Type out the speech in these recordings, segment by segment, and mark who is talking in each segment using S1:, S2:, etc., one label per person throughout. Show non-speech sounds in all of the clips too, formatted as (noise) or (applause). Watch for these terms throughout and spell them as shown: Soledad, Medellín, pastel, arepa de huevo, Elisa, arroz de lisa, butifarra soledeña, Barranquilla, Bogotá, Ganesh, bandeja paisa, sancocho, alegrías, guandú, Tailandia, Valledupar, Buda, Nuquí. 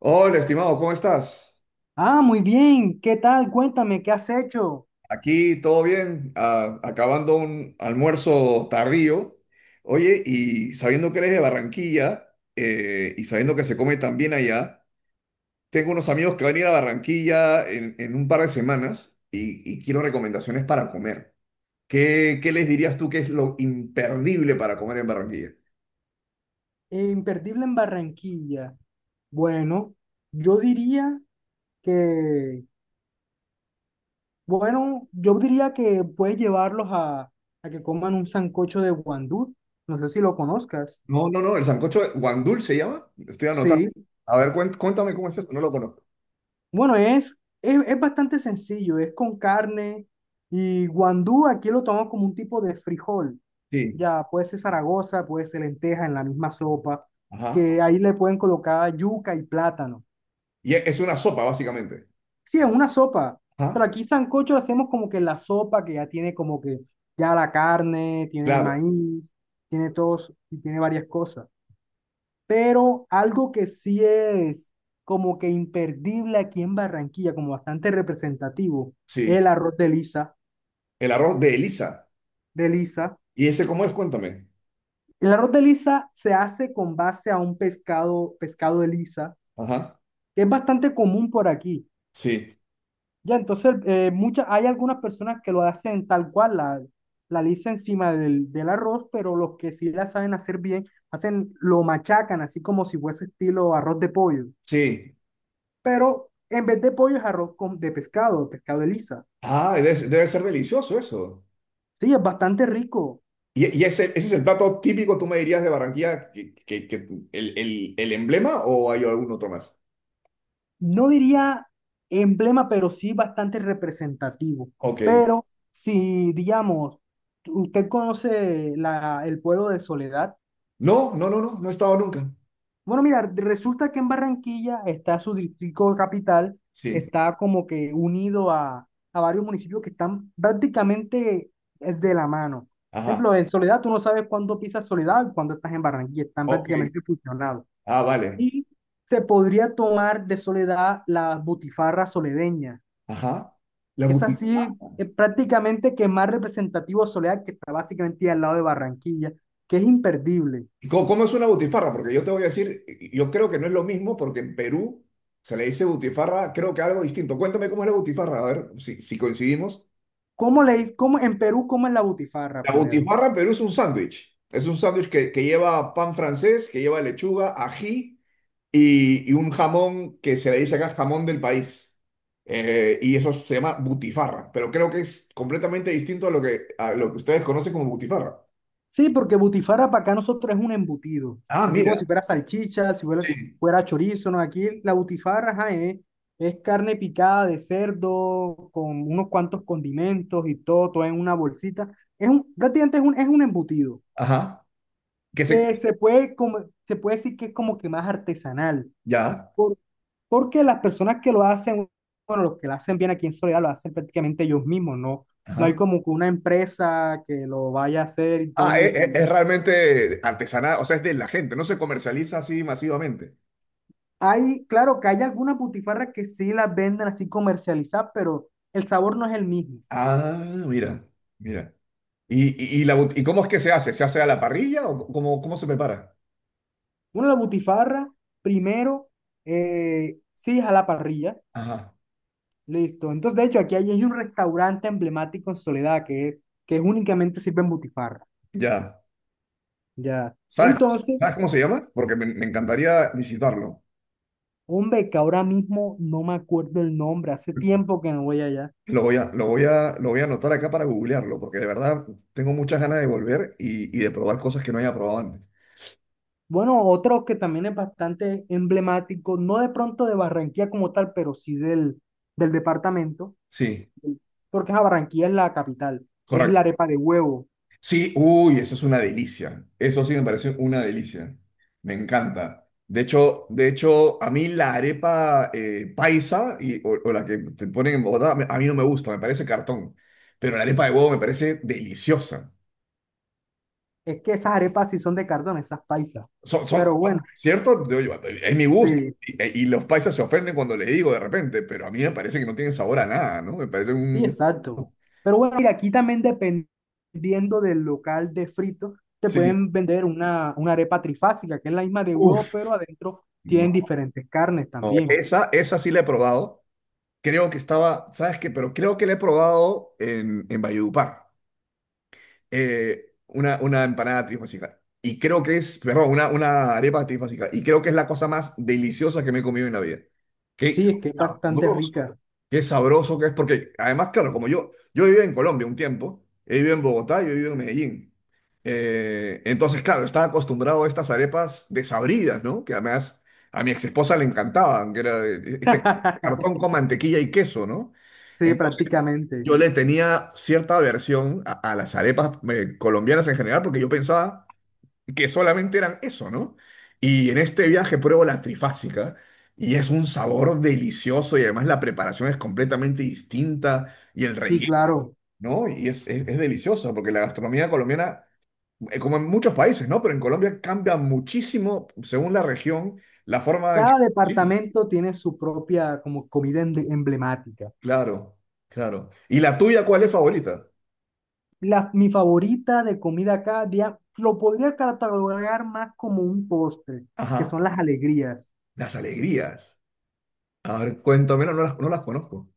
S1: Hola, estimado, ¿cómo estás?
S2: Ah, muy bien. ¿Qué tal? Cuéntame, ¿qué has hecho?
S1: Aquí todo bien. Ah, acabando un almuerzo tardío. Oye, y sabiendo que eres de Barranquilla y sabiendo que se come tan bien allá, tengo unos amigos que van a ir a Barranquilla en un par de semanas y quiero recomendaciones para comer. ¿Qué les dirías tú que es lo imperdible para comer en Barranquilla?
S2: Imperdible en Barranquilla. Bueno, yo diría que, bueno, yo diría que puedes llevarlos a que coman un sancocho de guandú. No sé si lo conozcas.
S1: No, no, no, el guandul se llama. Estoy anotando.
S2: Sí.
S1: A ver, cuéntame cómo es esto, no lo conozco.
S2: Bueno, es bastante sencillo. Es con carne y guandú aquí lo tomamos como un tipo de frijol.
S1: Sí,
S2: Ya, puede ser Zaragoza, puede ser lenteja en la misma sopa,
S1: ajá.
S2: que ahí le pueden colocar yuca y plátano.
S1: Y es una sopa, básicamente.
S2: Sí, es una sopa. Pero
S1: Ajá,
S2: aquí sancocho lo hacemos como que la sopa que ya tiene como que ya la carne, tiene
S1: claro,
S2: maíz, tiene todos y tiene varias cosas. Pero algo que sí es como que imperdible aquí en Barranquilla, como bastante representativo, es
S1: sí.
S2: el arroz de lisa,
S1: El arroz de Elisa.
S2: de lisa.
S1: ¿Y ese cómo es? Cuéntame.
S2: El arroz de lisa se hace con base a un pescado, pescado de lisa,
S1: Ajá,
S2: que es bastante común por aquí.
S1: sí,
S2: Ya, entonces muchas, hay algunas personas que lo hacen tal cual, la lisa encima del arroz, pero los que sí la saben hacer bien, hacen, lo machacan así como si fuese estilo arroz de pollo.
S1: sí.
S2: Pero en vez de pollo es arroz con, de pescado, pescado de lisa.
S1: Ah, debe ser delicioso eso.
S2: Sí, es bastante rico.
S1: Y ese, ese es el plato típico, tú me dirías, de Barranquilla, que el, el emblema o hay algún otro más?
S2: No diría emblema, pero sí bastante representativo.
S1: Ok.
S2: Pero si, digamos, usted conoce el pueblo de Soledad.
S1: No, no, no, no, no he estado nunca.
S2: Bueno, mira, resulta que en Barranquilla está su distrito capital,
S1: Sí.
S2: está como que unido a varios municipios que están prácticamente, de la mano. Por
S1: Ajá.
S2: ejemplo, en Soledad tú no sabes cuándo pisas Soledad y cuándo estás en Barranquilla, están
S1: Ok.
S2: prácticamente fusionados.
S1: Ah, vale.
S2: Y se podría tomar de Soledad la butifarra soledeña,
S1: Ajá. La
S2: que es
S1: butifarra.
S2: así, prácticamente que más representativo de Soledad, que está básicamente al lado de Barranquilla, que es imperdible.
S1: ¿Y ¿Cómo, cómo es una butifarra? Porque yo te voy a decir, yo creo que no es lo mismo porque en Perú se le dice butifarra, creo que algo distinto. Cuéntame cómo es la butifarra, a ver si, si coincidimos.
S2: ¿Cómo le, cómo, en Perú, cómo es la butifarra
S1: La
S2: primero?
S1: butifarra en Perú es un sándwich. Es un sándwich que lleva pan francés, que lleva lechuga, ají y un jamón que se le dice acá jamón del país. Y eso se llama butifarra, pero creo que es completamente distinto a lo que ustedes conocen como butifarra.
S2: Sí, porque butifarra para acá nosotros es un embutido.
S1: Ah,
S2: Así como si
S1: mira.
S2: fuera salchicha,
S1: Sí.
S2: fuera chorizo, ¿no? Aquí la butifarra, ajá, es carne picada de cerdo con unos cuantos condimentos y todo, todo en una bolsita. Prácticamente es un embutido.
S1: Ajá. Que se...
S2: Que se puede, come- se puede decir que es como que más artesanal.
S1: Ya.
S2: por- Porque las personas que lo hacen, bueno, los que lo hacen bien aquí en Soledad, lo hacen prácticamente ellos mismos, ¿no? No hay
S1: Ajá.
S2: como que una empresa que lo vaya a hacer y todo.
S1: Ah, es realmente artesanal, o sea, es de la gente, no se comercializa así masivamente.
S2: Hay, claro que hay algunas butifarras que sí las venden así comercializadas, pero el sabor no es el mismo.
S1: Ah, mira, mira. ¿Y, ¿y cómo es que se hace? ¿Se hace a la parrilla o cómo, cómo se prepara?
S2: Una la butifarra, primero, sí es a la parrilla,
S1: Ajá,
S2: listo. Entonces, de hecho, aquí hay, hay un restaurante emblemático en Soledad que es únicamente sirven butifarra,
S1: ya.
S2: ya. Entonces,
S1: Sabes cómo se llama? Porque me encantaría visitarlo.
S2: hombre, que ahora mismo no me acuerdo el nombre, hace tiempo que no voy allá.
S1: Lo voy a, lo voy a, lo voy a anotar acá para googlearlo, porque de verdad tengo muchas ganas de volver y de probar cosas que no haya probado antes.
S2: Bueno, otro que también es bastante emblemático, no de pronto de Barranquilla como tal, pero sí del departamento.
S1: Sí,
S2: Porque a Barranquilla es la capital, es la
S1: correcto.
S2: arepa de huevo.
S1: Sí, uy, eso es una delicia. Eso sí me parece una delicia. Me encanta. De hecho, a mí la arepa paisa o la que te ponen en Bogotá, a mí no me gusta, me parece cartón. Pero la arepa de huevo me parece deliciosa.
S2: Es que esas arepas sí son de cartón, esas paisas.
S1: Son, son,
S2: Pero bueno,
S1: ¿cierto? Es mi gusto.
S2: sí,
S1: Y, y los paisas se ofenden cuando le digo de repente, pero a mí me parece que no tienen sabor a nada, ¿no? Me parece
S2: sí,
S1: un...
S2: exacto. Pero bueno, mira, aquí también dependiendo del local de frito, te
S1: Sí.
S2: pueden vender una arepa trifásica, que es la misma de huevo,
S1: Uf,
S2: pero adentro tienen
S1: no.
S2: diferentes carnes
S1: No,
S2: también.
S1: esa sí la he probado. Creo que estaba, ¿sabes qué? Pero creo que la he probado en Valledupar. Una empanada trifásica. Y creo que es, perdón, una arepa trifásica. Y creo que es la cosa más deliciosa que me he comido en la vida. Qué
S2: Sí, es que es bastante
S1: sabroso.
S2: rica.
S1: Qué sabroso que es, porque además, claro, como yo viví en Colombia un tiempo, he vivido en Bogotá y he vivido en Medellín. Entonces, claro, estaba acostumbrado a estas arepas desabridas, ¿no? Que además a mi ex esposa le encantaban, que era este
S2: (laughs)
S1: cartón con mantequilla y queso, ¿no?
S2: Sí,
S1: Entonces,
S2: prácticamente.
S1: yo le tenía cierta aversión a las arepas colombianas en general, porque yo pensaba que solamente eran eso, ¿no? Y en este viaje pruebo la trifásica y es un sabor delicioso y además la preparación es completamente distinta y el
S2: Sí,
S1: relleno,
S2: claro.
S1: ¿no? Y es delicioso porque la gastronomía colombiana, como en muchos países, ¿no? Pero en Colombia cambia muchísimo según la región, la forma en que...
S2: Cada
S1: Sí,
S2: departamento tiene su propia como comida emblemática.
S1: claro, claro. ¿Y la tuya cuál es favorita?
S2: La, mi favorita de comida cada día lo podría catalogar más como un postre, que
S1: Ajá,
S2: son las alegrías.
S1: las alegrías. A ver, cuéntame, no, no las conozco.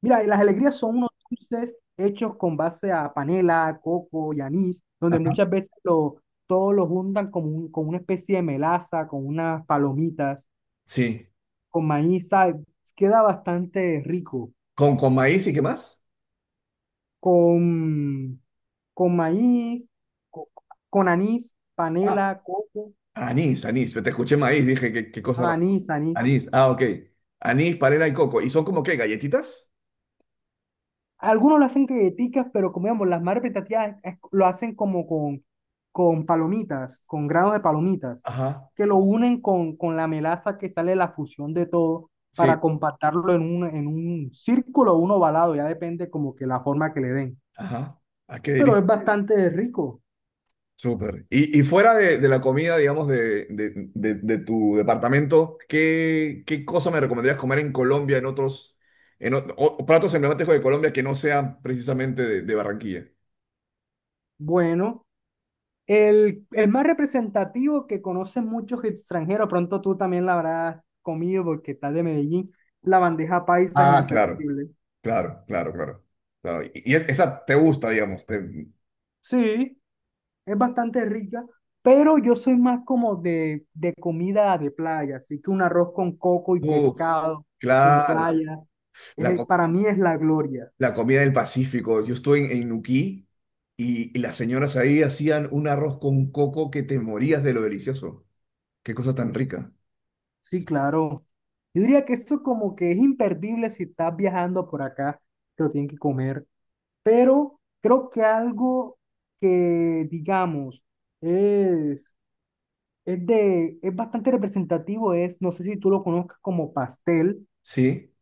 S2: Mira, y las alegrías son unos dulces hechos con base a panela, coco y anís, donde muchas veces lo, todos los juntan con, con una especie de melaza, con unas palomitas,
S1: Sí.
S2: con maíz, ¿sabes? Queda bastante rico.
S1: Con maíz y qué más?
S2: Con, con maíz, co- con anís, panela, coco,
S1: Anís, anís. Te escuché maíz, dije, qué, qué cosa rara.
S2: anís, anís.
S1: Anís, ah, ok. Anís, panela y coco. ¿Y son como qué, galletitas?
S2: Algunos lo hacen galletitas, pero como digamos, las madres prestativas lo hacen como con palomitas, con granos de palomitas,
S1: Ajá,
S2: que lo unen con la melaza que sale de la fusión de todo
S1: sí,
S2: para compactarlo en un círculo o un ovalado, ya depende como que la forma que le den.
S1: ajá. Ah, qué
S2: Pero
S1: delicia.
S2: es bastante rico.
S1: Súper. Y fuera de la comida, digamos, de, de tu departamento, ¿qué, qué cosa me recomendarías comer en Colombia, en otros, platos emblemáticos de Colombia que no sean precisamente de Barranquilla?
S2: Bueno, el más representativo que conocen muchos extranjeros, pronto tú también la habrás comido porque estás de Medellín, la bandeja paisa es
S1: Ah, claro,
S2: imperdible.
S1: claro, claro, claro, claro. Y esa te gusta, digamos. Te,
S2: Sí, es bastante rica, pero yo soy más como de comida de playa, así que un arroz con coco y
S1: uf,
S2: pescado en
S1: claro.
S2: playa,
S1: La
S2: para mí es la gloria.
S1: la comida del Pacífico. Yo estuve en Nuquí y las señoras ahí hacían un arroz con coco que te morías de lo delicioso. Qué cosa tan rica.
S2: Sí, claro. Yo diría que esto como que es imperdible si estás viajando por acá, te lo tienen que comer, pero creo que algo que, digamos, es, es bastante representativo es, no sé si tú lo conozcas como pastel,
S1: Sí.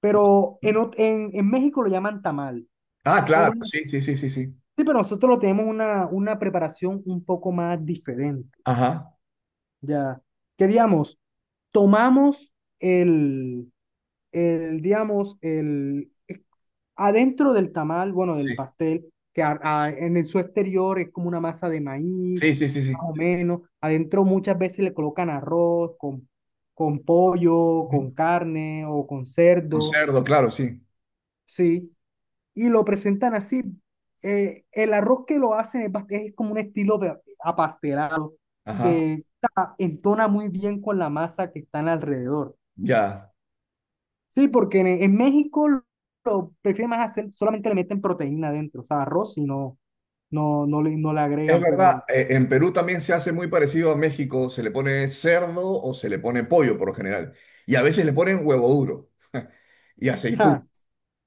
S2: pero en México lo llaman tamal.
S1: Ah,
S2: Pero,
S1: claro,
S2: nos-
S1: sí, sí, sí, sí, sí.
S2: sí, pero nosotros tenemos una preparación un poco más diferente,
S1: Ajá.
S2: ya. Que digamos, tomamos el, el digamos, adentro del tamal, bueno, del
S1: Sí,
S2: pastel, que su exterior es como una masa de maíz,
S1: sí, sí, sí,
S2: más o
S1: sí.
S2: menos. Adentro muchas veces le colocan arroz con pollo,
S1: Ujú.
S2: con carne o con
S1: Con
S2: cerdo,
S1: cerdo, claro, sí.
S2: sí, y lo presentan así. El arroz que lo hacen es, es como un estilo de- apastelado
S1: Ajá.
S2: que entona muy bien con la masa que están alrededor.
S1: Ya.
S2: Sí, porque en México lo prefieren más hacer, solamente le meten proteína adentro, o sea, arroz y no le, no le
S1: Es
S2: agregan, pero
S1: verdad, en Perú también se hace muy parecido a México. Se le pone cerdo o se le pone pollo por lo general. Y a veces le ponen huevo duro (laughs) y aceitú.
S2: ja.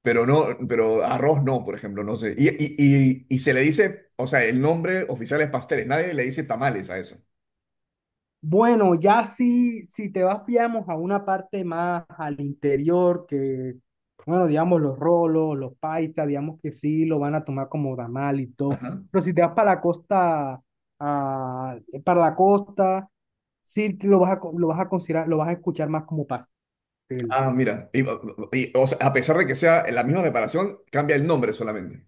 S1: Pero no, pero arroz no, por ejemplo, no sé. Y se le dice, o sea, el nombre oficial es pasteles, nadie le dice tamales a eso.
S2: Bueno, ya si, si te vas, digamos, a una parte más al interior, que, bueno, digamos, los rolos, los paisas, digamos que sí, lo van a tomar como damal y todo.
S1: Ajá.
S2: Pero si te vas para la costa, ah, para la costa, sí te lo vas a lo vas a considerar, lo vas a escuchar más como pastel.
S1: Ah, mira. O sea, a pesar de que sea la misma preparación, cambia el nombre solamente.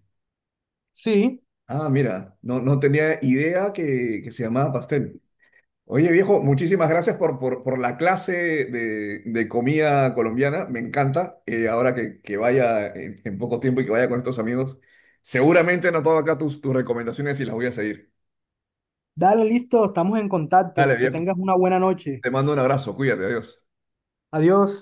S2: Sí,
S1: Ah, mira, no, no tenía idea que se llamaba pastel. Oye, viejo, muchísimas gracias por la clase de comida colombiana. Me encanta. Ahora que vaya en poco tiempo y que vaya con estos amigos, seguramente no tomo acá tus, tus recomendaciones y las voy a seguir.
S2: dale, listo, estamos en
S1: Dale,
S2: contacto. Que
S1: viejo.
S2: tengas una buena noche.
S1: Te mando un abrazo, cuídate, adiós.
S2: Adiós.